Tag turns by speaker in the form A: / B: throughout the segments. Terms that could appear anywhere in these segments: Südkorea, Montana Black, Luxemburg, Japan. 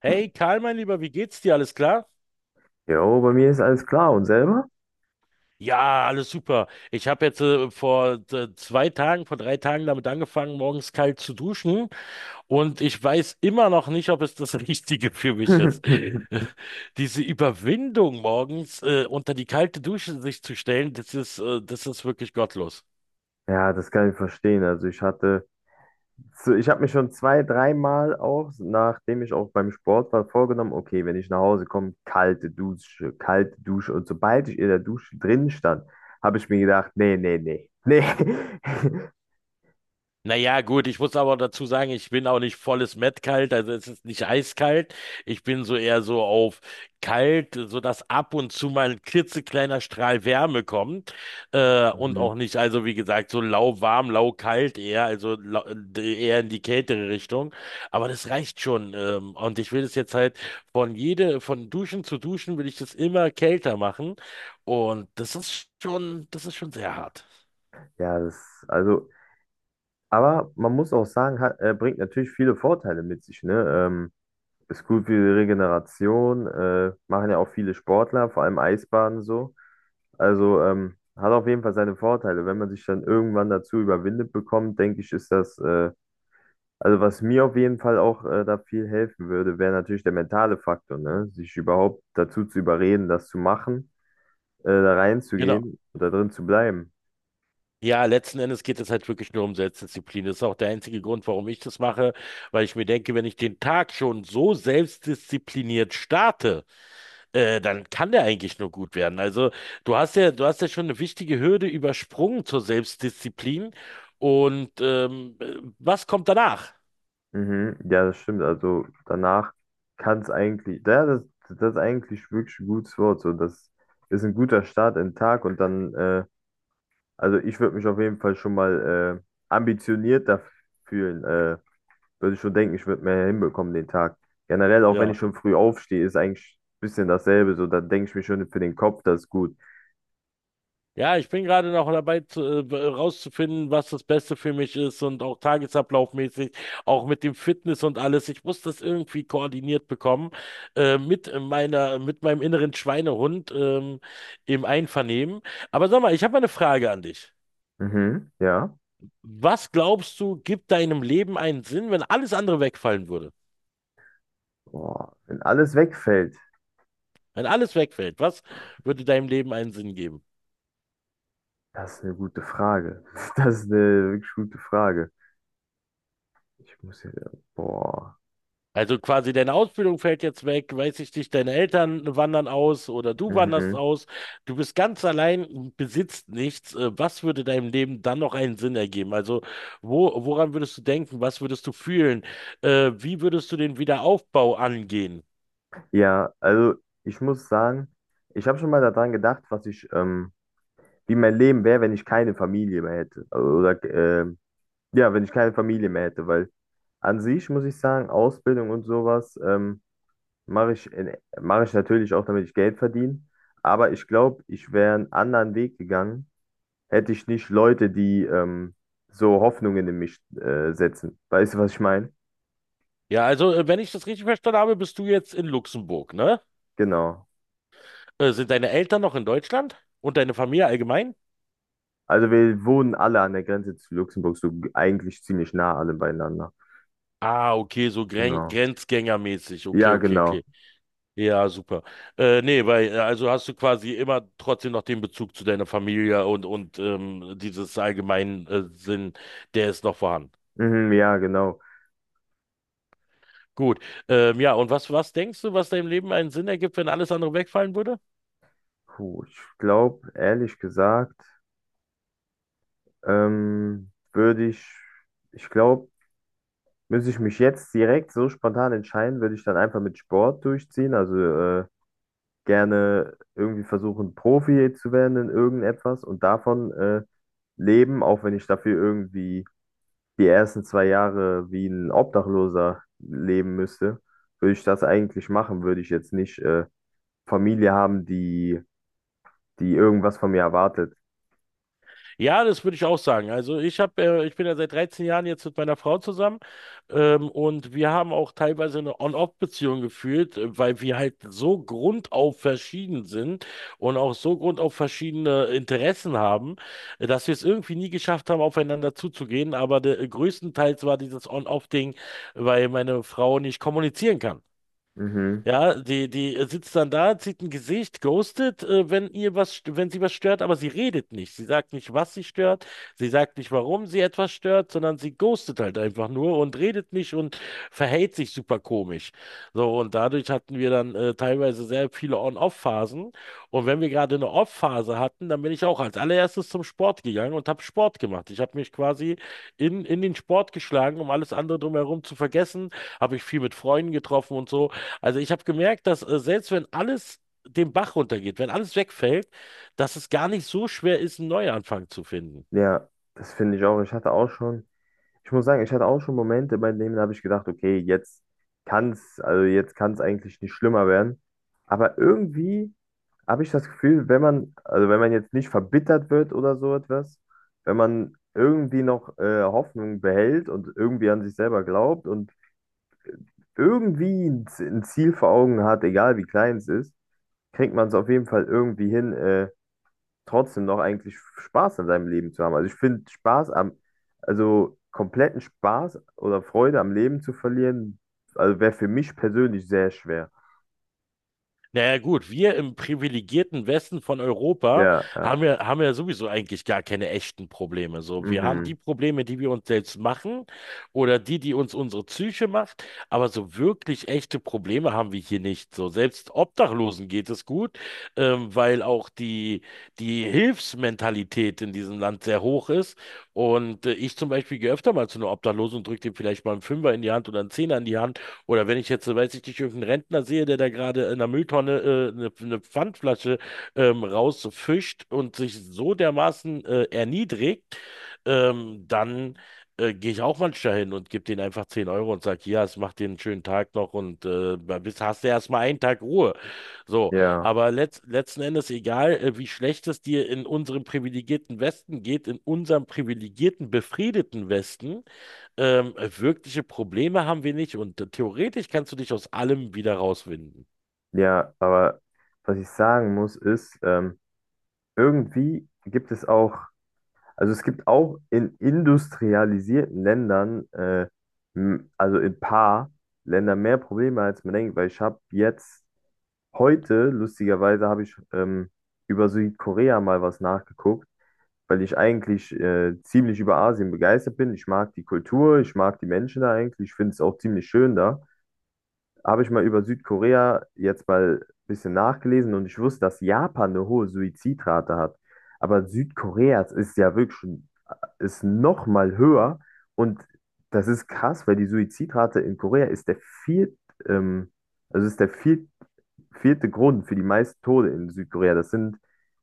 A: Hey Karl, mein Lieber, wie geht's dir? Alles klar?
B: Jo, bei mir ist alles klar . Und selber?
A: Ja, alles super. Ich habe jetzt vor zwei Tagen, vor drei Tagen damit angefangen, morgens kalt zu duschen und ich weiß immer noch nicht, ob es das Richtige für mich ist. Diese Überwindung morgens unter die kalte Dusche sich zu stellen, das ist wirklich gottlos.
B: Ja, das kann ich verstehen. Also ich hatte, ich habe mir schon 2-, 3-mal auch, nachdem ich auch beim Sport war, vorgenommen, okay, wenn ich nach Hause komme, kalte Dusche, kalte Dusche. Und sobald ich in der Dusche drin stand, habe ich mir gedacht, nee, nee, nee, nee.
A: Naja, gut, ich muss aber dazu sagen, ich bin auch nicht volles Mettkalt, also es ist nicht eiskalt. Ich bin so eher so auf kalt, sodass ab und zu mal ein klitzekleiner Strahl Wärme kommt. Und
B: Mhm.
A: auch nicht, also wie gesagt, so lauwarm, laukalt eher, also lau, eher in die kältere Richtung. Aber das reicht schon. Und ich will das jetzt halt von Duschen zu Duschen will ich das immer kälter machen. Und das ist schon sehr hart.
B: Ja, das, also, aber man muss auch sagen, bringt natürlich viele Vorteile mit sich, ne? Ist gut für die Regeneration, machen ja auch viele Sportler, vor allem Eisbaden so. Also hat auf jeden Fall seine Vorteile. Wenn man sich dann irgendwann dazu überwindet bekommt, denke ich, also was mir auf jeden Fall auch da viel helfen würde, wäre natürlich der mentale Faktor, ne? Sich überhaupt dazu zu überreden, das zu machen, da
A: Genau.
B: reinzugehen und da drin zu bleiben.
A: Ja, letzten Endes geht es halt wirklich nur um Selbstdisziplin. Das ist auch der einzige Grund, warum ich das mache, weil ich mir denke, wenn ich den Tag schon so selbstdiszipliniert starte, dann kann der eigentlich nur gut werden. Also du hast ja schon eine wichtige Hürde übersprungen zur Selbstdisziplin. Und was kommt danach?
B: Mhm, ja, das stimmt. Also danach kann es eigentlich, ja, das ist eigentlich wirklich ein gutes Wort. So, das ist ein guter Start in den Tag und dann, also ich würde mich auf jeden Fall schon mal ambitioniert da fühlen. Würde ich schon denken, ich würde mehr hinbekommen den Tag. Generell, auch wenn
A: Ja.
B: ich schon früh aufstehe, ist eigentlich ein bisschen dasselbe. So, dann denke ich mir schon für den Kopf, das ist gut.
A: Ja, ich bin gerade noch dabei, rauszufinden, was das Beste für mich ist, und auch tagesablaufmäßig, auch mit dem Fitness und alles. Ich muss das irgendwie koordiniert bekommen, mit mit meinem inneren Schweinehund, im Einvernehmen. Aber sag mal, ich habe mal eine Frage an dich.
B: Mhm, ja.
A: Was glaubst du, gibt deinem Leben einen Sinn, wenn alles andere wegfallen würde?
B: Boah, wenn alles wegfällt,
A: Wenn alles wegfällt, was würde deinem Leben einen Sinn geben?
B: das ist eine gute Frage. Das ist eine wirklich gute Frage. Ich muss hier, boah.
A: Also quasi deine Ausbildung fällt jetzt weg, weiß ich nicht, deine Eltern wandern aus oder du wanderst
B: Mhm.
A: aus, du bist ganz allein, besitzt nichts. Was würde deinem Leben dann noch einen Sinn ergeben? Also woran würdest du denken? Was würdest du fühlen? Wie würdest du den Wiederaufbau angehen?
B: Ja, also ich muss sagen, ich habe schon mal daran gedacht, wie mein Leben wäre, wenn ich keine Familie mehr hätte. Also, oder, ja, wenn ich keine Familie mehr hätte, weil an sich muss ich sagen, Ausbildung und sowas, mache ich, mache ich natürlich auch, damit ich Geld verdiene. Aber ich glaube, ich wäre einen anderen Weg gegangen, hätte ich nicht Leute, die so Hoffnungen in mich setzen. Weißt du, was ich meine?
A: Ja, also wenn ich das richtig verstanden habe, bist du jetzt in Luxemburg, ne?
B: Genau.
A: Sind deine Eltern noch in Deutschland und deine Familie allgemein?
B: Also wir wohnen alle an der Grenze zu Luxemburg, so eigentlich ziemlich nah alle beieinander.
A: Ah, okay, so
B: Genau.
A: Grenzgängermäßig. Okay,
B: Ja,
A: okay,
B: genau.
A: okay. Ja, super. Nee, weil, also hast du quasi immer trotzdem noch den Bezug zu deiner Familie und dieses allgemeinen Sinn, der ist noch vorhanden.
B: Mhm, ja, genau.
A: Gut. Ja, und was denkst du, was deinem Leben einen Sinn ergibt, wenn alles andere wegfallen würde?
B: Puh, ich glaube, ehrlich gesagt, ähm, würde ich, ich glaube, müsste ich mich jetzt direkt so spontan entscheiden, würde ich dann einfach mit Sport durchziehen. Also gerne irgendwie versuchen, Profi zu werden in irgendetwas und davon leben, auch wenn ich dafür irgendwie die ersten 2 Jahre wie ein Obdachloser leben müsste, würde ich das eigentlich machen. Würde ich jetzt nicht Familie haben, die irgendwas von mir erwartet.
A: Ja, das würde ich auch sagen. Ich bin ja seit 13 Jahren jetzt mit meiner Frau zusammen, und wir haben auch teilweise eine On-Off-Beziehung geführt, weil wir halt so grundauf verschieden sind und auch so grundauf verschiedene Interessen haben, dass wir es irgendwie nie geschafft haben, aufeinander zuzugehen. Aber größtenteils war dieses On-Off-Ding, weil meine Frau nicht kommunizieren kann.
B: Mhm.
A: Ja, die sitzt dann da, zieht ein Gesicht, ghostet, wenn sie was stört, aber sie redet nicht. Sie sagt nicht, was sie stört, sie sagt nicht, warum sie etwas stört, sondern sie ghostet halt einfach nur und redet nicht und verhält sich super komisch. So, und dadurch hatten wir dann teilweise sehr viele On-Off-Phasen. Und wenn wir gerade eine Off-Phase hatten, dann bin ich auch als allererstes zum Sport gegangen und habe Sport gemacht. Ich habe mich quasi in den Sport geschlagen, um alles andere drumherum zu vergessen. Habe ich viel mit Freunden getroffen und so. Also ich habe gemerkt, dass selbst wenn alles den Bach runtergeht, wenn alles wegfällt, dass es gar nicht so schwer ist, einen Neuanfang zu finden.
B: Ja, das finde ich auch. Ich hatte auch schon. Ich muss sagen, ich hatte auch schon Momente, bei denen habe ich gedacht, okay, jetzt also jetzt kann es eigentlich nicht schlimmer werden. Aber irgendwie habe ich das Gefühl, wenn man, also wenn man jetzt nicht verbittert wird oder so etwas, wenn man irgendwie noch Hoffnung behält und irgendwie an sich selber glaubt und irgendwie ein ein Ziel vor Augen hat, egal wie klein es ist, kriegt man es auf jeden Fall irgendwie hin, trotzdem noch eigentlich Spaß an seinem Leben zu haben. Also ich finde also kompletten Spaß oder Freude am Leben zu verlieren, also wäre für mich persönlich sehr schwer.
A: Naja gut, wir im privilegierten Westen von Europa
B: Ja, ja,
A: haben ja sowieso eigentlich gar keine echten Probleme. So, wir haben
B: mhm,
A: die Probleme, die wir uns selbst machen oder die, die uns unsere Psyche macht, aber so wirklich echte Probleme haben wir hier nicht. So, selbst Obdachlosen geht es gut, weil auch die Hilfsmentalität in diesem Land sehr hoch ist. Und ich zum Beispiel gehe öfter mal zu einer Obdachlosen und drücke dem vielleicht mal einen Fünfer in die Hand oder einen Zehner in die Hand oder wenn ich jetzt, weiß ich nicht, irgendeinen Rentner sehe, der da gerade in der Mülltonne eine eine Pfandflasche rausfischt und sich so dermaßen erniedrigt, dann gehe ich auch manchmal hin und gebe denen einfach 10 Euro und sage, ja, es macht dir einen schönen Tag noch und bis hast du erstmal einen Tag Ruhe. So,
B: ja,
A: aber letzten Endes, egal wie schlecht es dir in unserem privilegierten Westen geht, in unserem privilegierten, befriedeten Westen, wirkliche Probleme haben wir nicht und theoretisch kannst du dich aus allem wieder rauswinden.
B: ja, aber was ich sagen muss, ist, irgendwie gibt es auch, also es gibt auch in industrialisierten Ländern, also in ein paar Ländern mehr Probleme, als man denkt, weil ich habe jetzt heute, lustigerweise, habe ich über Südkorea mal was nachgeguckt, weil ich eigentlich ziemlich über Asien begeistert bin. Ich mag die Kultur, ich mag die Menschen da eigentlich, ich finde es auch ziemlich schön da. Habe ich mal über Südkorea jetzt mal ein bisschen nachgelesen und ich wusste, dass Japan eine hohe Suizidrate hat. Aber Südkorea ist ja wirklich schon, ist noch mal höher und das ist krass, weil die Suizidrate in Korea ist der viert, ähm, also ist der vierte Grund für die meisten Tode in Südkorea. Das sind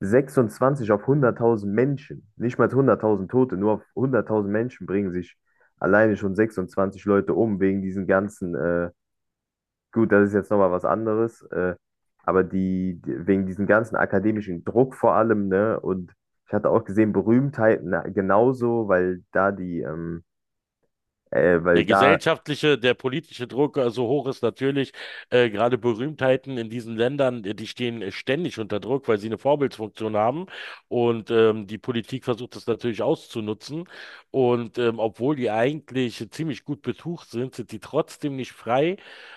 B: 26 auf 100.000 Menschen. Nicht mal 100.000 Tote, nur auf 100.000 Menschen bringen sich alleine schon 26 Leute um wegen diesen ganzen, gut, das ist jetzt nochmal was anderes, aber wegen diesen ganzen akademischen Druck vor allem, ne? Und ich hatte auch gesehen, Berühmtheiten genauso, weil
A: Der
B: da
A: gesellschaftliche, der politische Druck so hoch ist natürlich, gerade Berühmtheiten in diesen Ländern, die stehen ständig unter Druck, weil sie eine Vorbildsfunktion haben und die Politik versucht das natürlich auszunutzen und obwohl die eigentlich ziemlich gut betucht sind, sind die trotzdem nicht frei,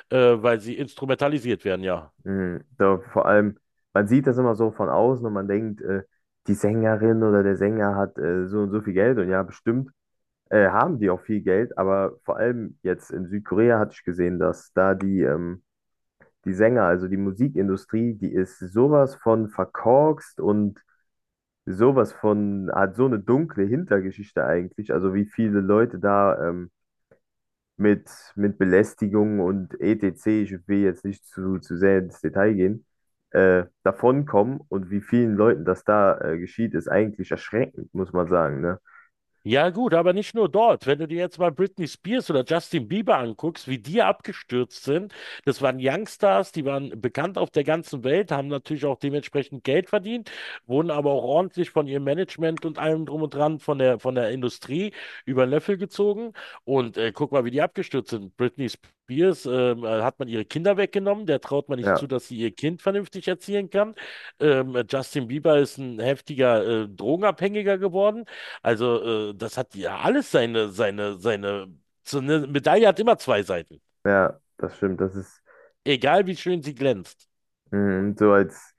A: weil sie instrumentalisiert werden, ja.
B: mhm. Da, vor allem, man sieht das immer so von außen und man denkt, die Sängerin oder der Sänger hat so und so viel Geld und ja, bestimmt haben die auch viel Geld, aber vor allem jetzt in Südkorea hatte ich gesehen, dass da die, die Sänger, also die Musikindustrie, die ist sowas von verkorkst und sowas von, hat so eine dunkle Hintergeschichte eigentlich, also wie viele Leute da mit, mit Belästigung und etc., ich will jetzt nicht zu sehr ins Detail gehen, davonkommen und wie vielen Leuten das da geschieht, ist eigentlich erschreckend, muss man sagen, ne?
A: Ja gut, aber nicht nur dort. Wenn du dir jetzt mal Britney Spears oder Justin Bieber anguckst, wie die abgestürzt sind, das waren Youngstars, die waren bekannt auf der ganzen Welt, haben natürlich auch dementsprechend Geld verdient, wurden aber auch ordentlich von ihrem Management und allem drum und dran von der Industrie über den Löffel gezogen. Und guck mal, wie die abgestürzt sind. Britney Spears, hat man ihre Kinder weggenommen, der traut man nicht zu,
B: Ja,
A: dass sie ihr Kind vernünftig erziehen kann. Justin Bieber ist ein heftiger Drogenabhängiger geworden. Also, das hat ja alles seine. So eine Medaille hat immer zwei Seiten.
B: ja, das stimmt. Das ist
A: Egal wie schön sie glänzt.
B: mm,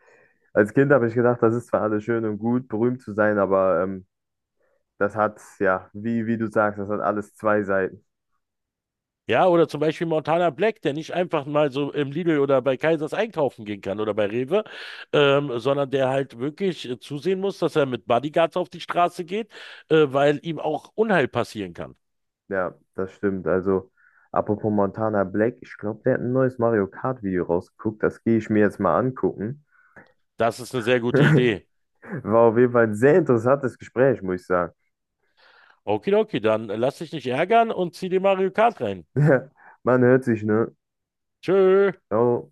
B: als Kind habe ich gedacht, das ist zwar alles schön und gut, berühmt zu sein, aber das hat, ja, wie du sagst, das hat alles zwei Seiten.
A: Ja, oder zum Beispiel Montana Black, der nicht einfach mal so im Lidl oder bei Kaisers einkaufen gehen kann oder bei Rewe, sondern der halt wirklich zusehen muss, dass er mit Bodyguards auf die Straße geht, weil ihm auch Unheil passieren kann.
B: Ja, das stimmt. Also, apropos Montana Black, ich glaube, der hat ein neues Mario Kart Video rausgeguckt. Das gehe ich mir jetzt mal angucken.
A: Das ist eine sehr gute Idee.
B: War auf jeden Fall ein sehr interessantes Gespräch, muss ich sagen.
A: Okidoki, dann lass dich nicht ärgern und zieh dir Mario Kart rein.
B: Man hört sich, ne?
A: Tschö.
B: Ciao.